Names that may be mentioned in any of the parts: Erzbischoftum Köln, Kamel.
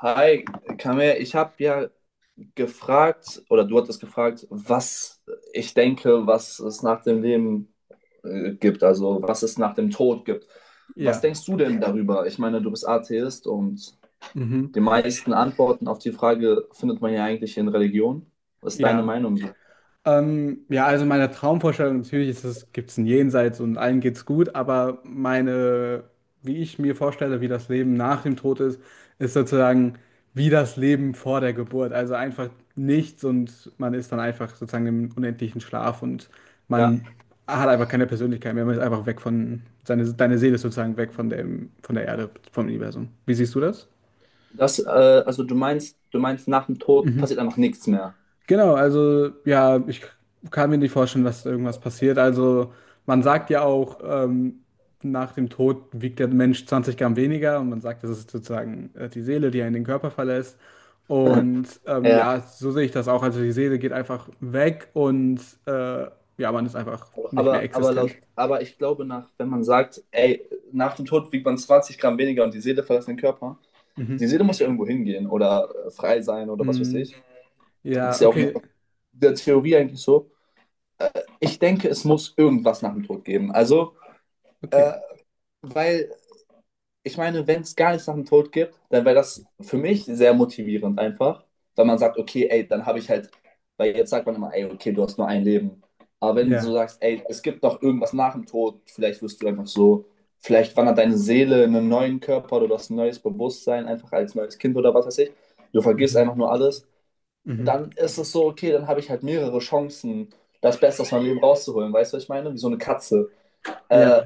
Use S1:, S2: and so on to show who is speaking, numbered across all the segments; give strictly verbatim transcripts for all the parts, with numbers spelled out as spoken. S1: Hi, Kamel, ich habe ja gefragt, oder du hattest gefragt, was ich denke, was es nach dem Leben äh, gibt, also was es nach dem Tod gibt. Was
S2: Ja,
S1: denkst du denn darüber? Ich meine, du bist Atheist und
S2: mhm.
S1: die meisten Antworten auf die Frage findet man ja eigentlich in Religion. Was ist deine
S2: Ja.
S1: Meinung, so?
S2: Ähm, ja, also meine Traumvorstellung natürlich ist es, gibt es ein Jenseits und allen geht's gut, aber meine, wie ich mir vorstelle, wie das Leben nach dem Tod ist, ist sozusagen wie das Leben vor der Geburt. Also einfach nichts und man ist dann einfach sozusagen im unendlichen Schlaf und
S1: Ja,
S2: man hat einfach keine Persönlichkeit mehr. Man ist einfach weg von, seine, deine Seele ist sozusagen weg von dem, von der Erde, vom Universum. Wie siehst du das?
S1: das, äh, also du meinst, du meinst, nach dem Tod
S2: Mhm.
S1: passiert einfach nichts mehr.
S2: Genau, also ja, ich kann mir nicht vorstellen, dass irgendwas passiert. Also man sagt ja auch, ähm, nach dem Tod wiegt der Mensch zwanzig Gramm weniger und man sagt, das ist sozusagen äh, die Seele, die einen den Körper verlässt. Und ähm,
S1: Ja.
S2: ja, so sehe ich das auch. Also die Seele geht einfach weg und äh, ja, man ist einfach nicht mehr
S1: Aber, aber, laut,
S2: existent.
S1: aber ich glaube, nach, wenn man sagt, ey, nach dem Tod wiegt man zwanzig Gramm weniger und die Seele verlässt den Körper, die
S2: Mhm.
S1: Seele muss ja irgendwo hingehen oder äh, frei sein oder was weiß ich.
S2: Mm,
S1: Das ist
S2: ja,
S1: ja auch in
S2: okay,
S1: der Theorie eigentlich so. Äh, Ich denke, es muss irgendwas nach dem Tod geben. Also, äh,
S2: okay.
S1: Weil ich meine, wenn es gar nichts nach dem Tod gibt, dann wäre das für mich sehr motivierend einfach, weil man sagt, okay, ey, dann habe ich halt, weil jetzt sagt man immer, ey, okay, du hast nur ein Leben. Aber wenn du
S2: Ja.
S1: sagst, ey, es gibt noch irgendwas nach dem Tod, vielleicht wirst du einfach so, vielleicht wandert deine Seele in einen neuen Körper oder du hast ein neues Bewusstsein, einfach als neues Kind oder was weiß ich. Du vergisst
S2: Mhm.
S1: einfach nur alles.
S2: Mhm.
S1: Dann ist es so, okay, dann habe ich halt mehrere Chancen, das Beste aus meinem Leben rauszuholen. Weißt du, was ich meine? Wie so eine Katze.
S2: Ja.
S1: Äh,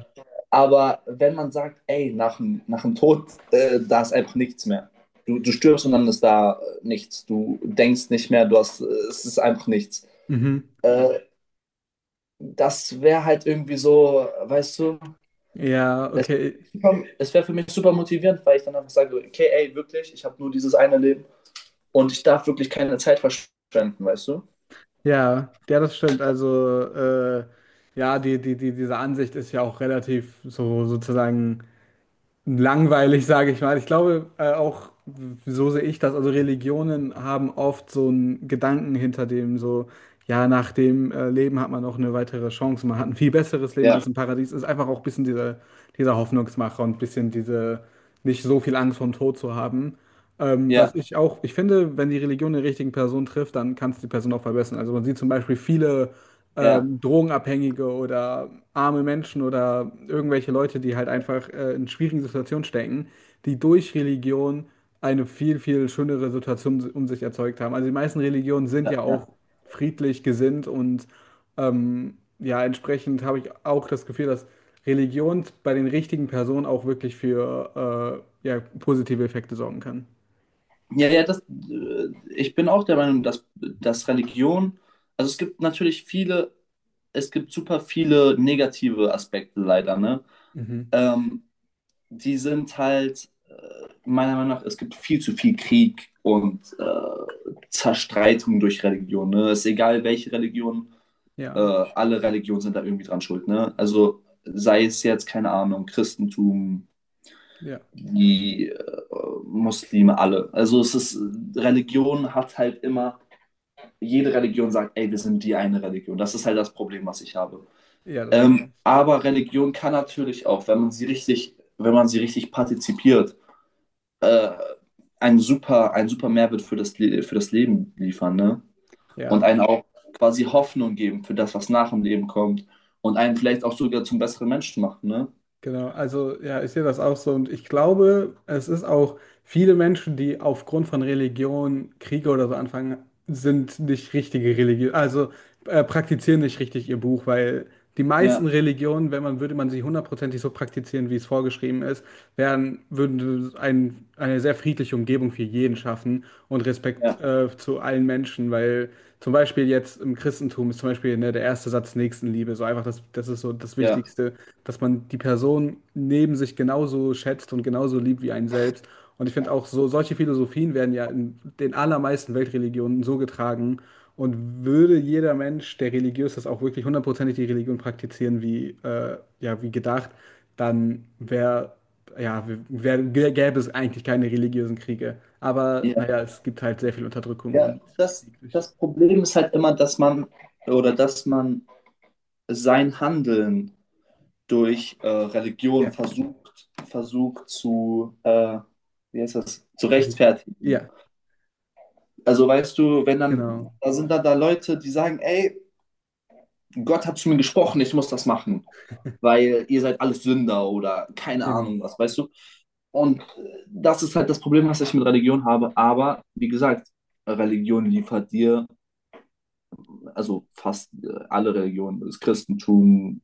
S1: aber wenn man sagt, ey, nach dem, nach dem Tod, äh, da ist einfach nichts mehr. Du, du stirbst und dann ist da äh, nichts. Du denkst nicht mehr, du hast, äh, es ist einfach nichts.
S2: Mhm.
S1: Äh, Das wäre halt irgendwie so, weißt du,
S2: Ja,
S1: es,
S2: okay.
S1: es wäre für mich super motivierend, weil ich dann einfach sage, okay, ey, wirklich, ich habe nur dieses eine Leben und ich darf wirklich keine Zeit verschwenden, weißt du?
S2: Ja, ja, das stimmt. Also, äh, ja, die, die, die, diese Ansicht ist ja auch relativ so sozusagen langweilig, sage ich mal. Ich glaube, äh, auch so sehe ich das. Also, Religionen haben oft so einen Gedanken hinter dem, so, ja, nach dem äh, Leben hat man noch eine weitere Chance, man hat ein viel besseres Leben, man
S1: Ja,
S2: ist im Paradies. Ist einfach auch ein bisschen dieser, dieser Hoffnungsmacher und ein bisschen diese, nicht so viel Angst vom Tod zu haben. Ähm, was
S1: ja,
S2: ich auch, ich finde, wenn die Religion den richtigen Person trifft, dann kann es die Person auch verbessern. Also man sieht zum Beispiel viele
S1: ja,
S2: ähm, Drogenabhängige oder arme Menschen oder irgendwelche Leute, die halt einfach äh, in schwierigen Situationen stecken, die durch Religion eine viel, viel schönere Situation si-, um sich erzeugt haben. Also die meisten Religionen sind ja
S1: ja,
S2: auch
S1: ja.
S2: friedlich gesinnt und ähm, ja, entsprechend habe ich auch das Gefühl, dass Religion bei den richtigen Personen auch wirklich für äh, ja, positive Effekte sorgen kann.
S1: Ja, ja, das, äh, Ich bin auch der Meinung, dass, dass Religion, also es gibt natürlich viele, es gibt super viele negative Aspekte leider, ne?
S2: Mhm.
S1: Ähm, Die sind halt, äh, meiner Meinung nach, es gibt viel zu viel Krieg und äh, Zerstreitung durch Religion, ne? Es ist egal, welche Religion, äh,
S2: Ja,
S1: alle Religionen sind da irgendwie dran schuld, ne? Also sei es jetzt, keine Ahnung, Christentum,
S2: ja,
S1: die äh, Muslime alle. Also es ist, Religion hat halt immer, jede Religion sagt, ey, wir sind die eine Religion. Das ist halt das Problem, was ich habe.
S2: ja, das
S1: Ähm,
S2: stimmt.
S1: aber Religion kann natürlich auch, wenn man sie richtig, wenn man sie richtig partizipiert, äh, einen super, einen super Mehrwert für das, für das Leben liefern, ne? Und
S2: Ja,
S1: einen auch quasi Hoffnung geben für das, was nach dem Leben kommt. Und einen vielleicht auch sogar zum besseren Menschen machen, ne?
S2: genau. Also, ja, ich sehe das auch so. Und ich glaube, es ist auch viele Menschen, die aufgrund von Religion Kriege oder so anfangen, sind nicht richtige Religion, also äh, praktizieren nicht richtig ihr Buch, weil die meisten
S1: Ja,
S2: Religionen, wenn man, würde man sie hundertprozentig so praktizieren, wie es vorgeschrieben ist, wären, würden ein, eine sehr friedliche Umgebung für jeden schaffen und Respekt
S1: ja,
S2: äh, zu allen Menschen, weil. Zum Beispiel jetzt im Christentum ist zum Beispiel, ne, der erste Satz Nächstenliebe. So einfach, das, das ist so das
S1: ja,
S2: Wichtigste, dass man die Person neben sich genauso schätzt und genauso liebt wie einen selbst. Und ich finde auch so, solche Philosophien werden ja in den allermeisten Weltreligionen so getragen. Und würde jeder Mensch, der religiös ist, auch wirklich hundertprozentig die Religion praktizieren, wie, äh, ja, wie gedacht, dann wäre, ja, wär, gäbe es eigentlich keine religiösen Kriege. Aber
S1: ja.
S2: naja, es gibt halt sehr viel Unterdrückung
S1: Ja,
S2: und
S1: das,
S2: Krieg durch.
S1: das Problem ist halt immer, dass man oder dass man sein Handeln durch äh, Religion
S2: Ja.
S1: versucht, versucht zu, äh, wie heißt das, zu
S2: Die geht-
S1: rechtfertigen.
S2: Ja,
S1: Also weißt du, wenn
S2: genau.
S1: dann, da sind dann da Leute, die sagen, ey, Gott hat zu mir gesprochen, ich muss das machen, weil ihr seid alles Sünder oder keine
S2: Eben,
S1: Ahnung was, weißt du? Und äh, das ist halt das Problem, was ich mit Religion habe. Aber wie gesagt, Religion liefert dir also fast äh, alle Religionen, das Christentum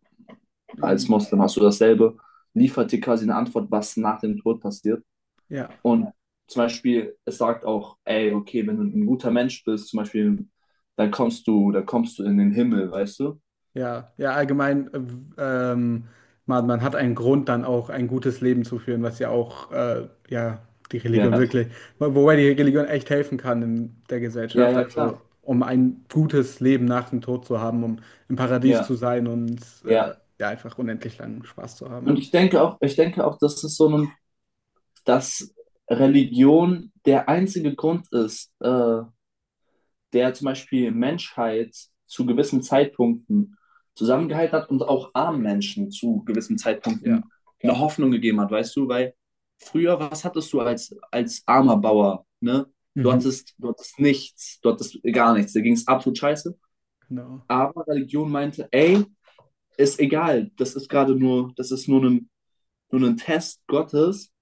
S1: als
S2: eben.
S1: Moslem hast du dasselbe, liefert dir quasi eine Antwort, was nach dem Tod passiert.
S2: Ja,
S1: Und zum Beispiel, es sagt auch, ey, okay, wenn du ein guter Mensch bist, zum Beispiel, dann kommst du, dann kommst du in den Himmel, weißt du?
S2: ja, ja, allgemein, äh, w- ähm, man, man hat einen Grund, dann auch ein gutes Leben zu führen, was ja auch, äh, ja, die Religion
S1: Ja,
S2: wirklich, wo- wobei die Religion echt helfen kann in der
S1: ja,
S2: Gesellschaft,
S1: ja, klar.
S2: also um ein gutes Leben nach dem Tod zu haben, um im Paradies
S1: Ja,
S2: zu sein und äh,
S1: ja.
S2: ja, einfach unendlich langen Spaß zu haben.
S1: Und ich denke auch, ich denke auch, dass es so ein, dass Religion der einzige Grund ist, äh, der zum Beispiel Menschheit zu gewissen Zeitpunkten zusammengehalten hat und auch armen Menschen zu gewissen
S2: Ja,
S1: Zeitpunkten eine Hoffnung gegeben hat, weißt du? Weil früher, was hattest du als, als armer Bauer, ne? Du
S2: mhm.
S1: hattest, du hattest nichts, du hattest gar nichts, da ging es absolut scheiße.
S2: Genau.
S1: Aber Religion meinte, ey, ist egal, das ist gerade nur, das ist nur ein, nur ein Test Gottes,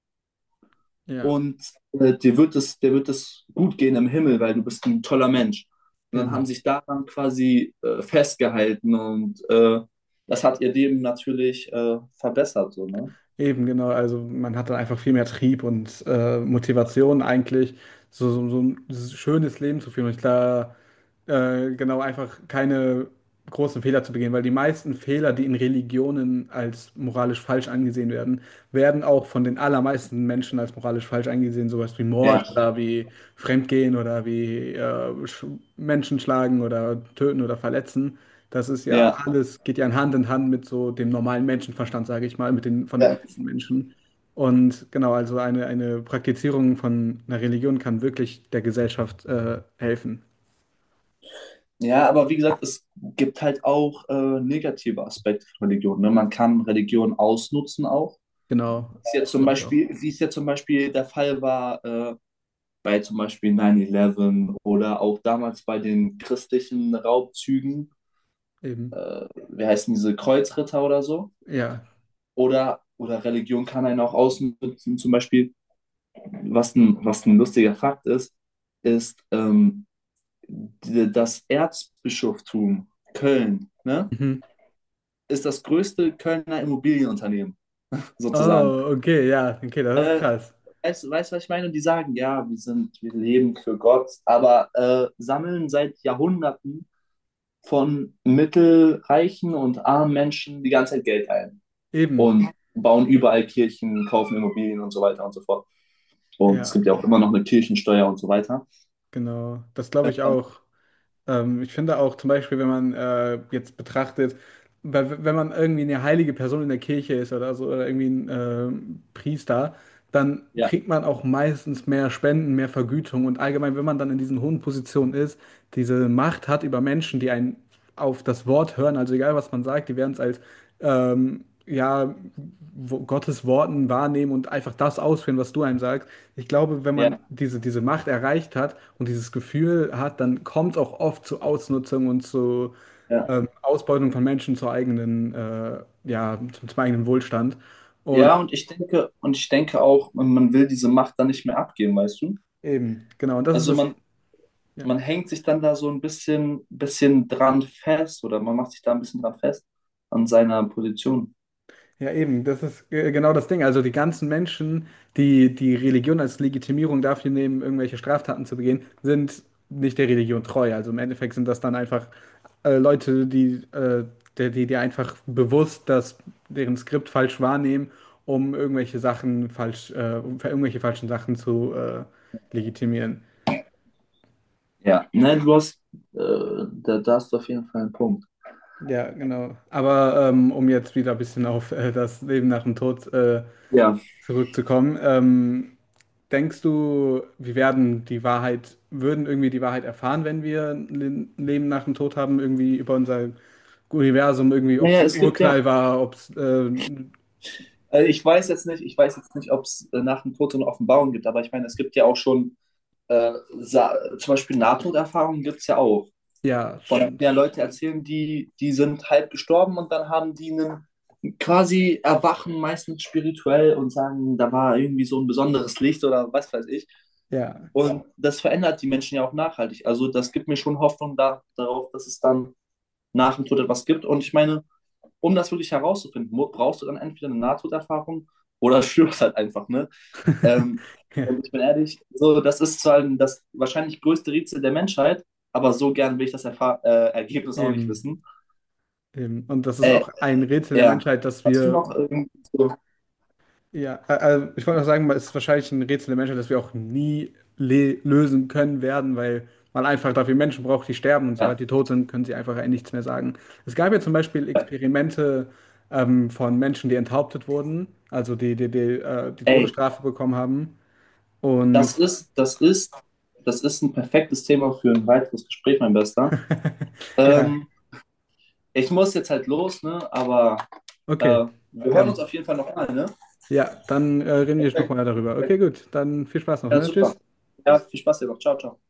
S2: Ja,
S1: und äh, dir wird es, dir wird es gut gehen im Himmel, weil du bist ein toller Mensch. Und dann haben
S2: eben.
S1: sich daran quasi äh, festgehalten und äh, das hat ihr Leben natürlich äh, verbessert, so, ne?
S2: Eben, genau. Also man hat dann einfach viel mehr Trieb und äh, Motivation eigentlich, so, so, so ein schönes Leben zu führen. Und klar, äh, genau, einfach keine großen Fehler zu begehen, weil die meisten Fehler, die in Religionen als moralisch falsch angesehen werden, werden auch von den allermeisten Menschen als moralisch falsch angesehen, sowas wie Mord
S1: Ja,
S2: oder wie Fremdgehen oder wie äh, Sch- Menschen schlagen oder töten oder verletzen. Das ist ja
S1: ja.
S2: alles, geht ja Hand in Hand mit so dem normalen Menschenverstand, sage ich mal, mit den, von den
S1: Ja.
S2: meisten Menschen. Und genau, also eine, eine Praktizierung von einer Religion kann wirklich der Gesellschaft äh, helfen.
S1: Ja, aber wie gesagt, es gibt halt auch äh, negative Aspekte von Religion. Ne? Man kann Religion ausnutzen auch.
S2: Genau,
S1: Ist ja
S2: das
S1: zum
S2: glaube ich auch.
S1: Beispiel, wie es ja zum Beispiel der Fall war äh, bei zum Beispiel neun elf oder auch damals bei den christlichen Raubzügen,
S2: Eben.
S1: äh, wie heißen diese Kreuzritter oder so.
S2: Ja.
S1: Oder, oder Religion kann einen auch ausnutzen. Zum Beispiel, was ein, was ein lustiger Fakt ist, ist ähm, die, das Erzbischoftum Köln, ne?
S2: Mhm.
S1: Ist das größte Kölner Immobilienunternehmen, sozusagen.
S2: Oh, okay, ja, okay, das ist
S1: Äh,
S2: krass.
S1: Weißt du, was ich meine? Und die sagen, ja, wir sind, wir leben für Gott, aber äh, sammeln seit Jahrhunderten von mittelreichen und armen Menschen die ganze Zeit Geld ein.
S2: Eben.
S1: Und bauen überall Kirchen, kaufen Immobilien und so weiter und so fort. Und es gibt
S2: Ja,
S1: ja auch immer noch eine Kirchensteuer und so weiter.
S2: genau. Das glaube ich auch. Ähm, ich finde auch zum Beispiel, wenn man äh, jetzt betrachtet, weil, wenn man irgendwie eine heilige Person in der Kirche ist oder so, oder irgendwie ein ähm, Priester, dann
S1: Ja,
S2: kriegt man auch meistens mehr Spenden, mehr Vergütung und allgemein, wenn man dann in diesen hohen Positionen ist, diese Macht hat über Menschen, die einen auf das Wort hören, also egal was man sagt, die werden es als ähm, ja, wo- Gottes Worten wahrnehmen und einfach das ausführen, was du einem sagst. Ich glaube, wenn man
S1: ja,
S2: diese, diese Macht erreicht hat und dieses Gefühl hat, dann kommt es auch oft zu Ausnutzung und zu
S1: ja.
S2: ähm, Ausbeutung von Menschen zur eigenen, äh, ja, zum, zum eigenen Wohlstand. Und
S1: Ja, und ich denke, und ich denke auch, man man will diese Macht dann nicht mehr abgeben, weißt du?
S2: eben, genau, und das ist
S1: Also
S2: das.
S1: man,
S2: Ja.
S1: man hängt sich dann da so ein bisschen, bisschen dran fest oder man macht sich da ein bisschen dran fest an seiner Position.
S2: Ja, eben, das ist äh, genau das Ding. Also die ganzen Menschen, die die Religion als Legitimierung dafür nehmen, irgendwelche Straftaten zu begehen, sind nicht der Religion treu. Also im Endeffekt sind das dann einfach äh, Leute, die, äh, die, die die einfach bewusst das, deren Skript falsch wahrnehmen, um irgendwelche Sachen falsch, äh, um irgendwelche falschen Sachen zu äh, legitimieren.
S1: Ja, ne, du hast, äh, da, da hast du auf jeden Fall einen Punkt.
S2: Ja, genau. Aber ähm, um jetzt wieder ein bisschen auf äh, das Leben nach dem Tod äh,
S1: Ja.
S2: zurückzukommen, ähm, denkst du, wir werden die Wahrheit, würden irgendwie die Wahrheit erfahren, wenn wir ein Le- Leben nach dem Tod haben, irgendwie über unser Universum, irgendwie, ob es
S1: Naja,
S2: ein
S1: es gibt ja,
S2: Urknall war, ob es, ähm,
S1: äh, ich weiß jetzt nicht, ich weiß jetzt nicht, ob es äh, nach dem Tod so eine Offenbarung gibt, aber ich meine, es gibt ja auch schon äh, sa- zum Beispiel Nahtoderfahrungen gibt es ja auch.
S2: ja,
S1: Von
S2: stimmt.
S1: mehr Leute erzählen, die, die sind halb gestorben und dann haben die einen quasi erwachen, meistens spirituell und sagen, da war irgendwie so ein besonderes Licht oder was weiß ich.
S2: Ja.
S1: Und das verändert die Menschen ja auch nachhaltig. Also das gibt mir schon Hoffnung da, darauf, dass es dann nach dem Tod etwas gibt. Und ich meine, um das wirklich herauszufinden, brauchst du dann entweder eine Nahtoderfahrung oder stirbst halt einfach, ne? Ähm,
S2: Ja,
S1: und ich bin ehrlich, so, das ist zwar das wahrscheinlich größte Rätsel der Menschheit, aber so gern will ich das Erfa äh, Ergebnis auch nicht
S2: eben,
S1: wissen.
S2: eben. Und das ist
S1: Äh,
S2: auch ein Rätsel der
S1: ja,
S2: Menschheit, dass
S1: hast du
S2: wir.
S1: noch irgendwie so,
S2: Ja, a- also ich wollte auch sagen, es ist wahrscheinlich ein Rätsel der Menschheit, das wir auch nie le lösen können werden, weil man einfach dafür Menschen braucht, die sterben und sobald
S1: ja.
S2: die tot sind, können sie einfach nichts mehr sagen. Es gab ja zum Beispiel Experimente ähm, von Menschen, die enthauptet wurden, also die die, die, äh, die
S1: Ey,
S2: Todesstrafe bekommen haben. Und
S1: das ist, das ist, das ist ein perfektes Thema für ein weiteres Gespräch, mein Bester.
S2: ja,
S1: Ähm, Ich muss jetzt halt los, ne? Aber äh,
S2: okay,
S1: wir hören uns
S2: dann.
S1: auf jeden Fall noch mal, ne?
S2: Ja, dann äh, reden wir
S1: Perfekt,
S2: nochmal darüber. Okay,
S1: perfekt.
S2: gut, dann viel Spaß noch,
S1: Ja,
S2: ne?
S1: super.
S2: Tschüss.
S1: Ja, viel Spaß dir noch. Ciao, ciao.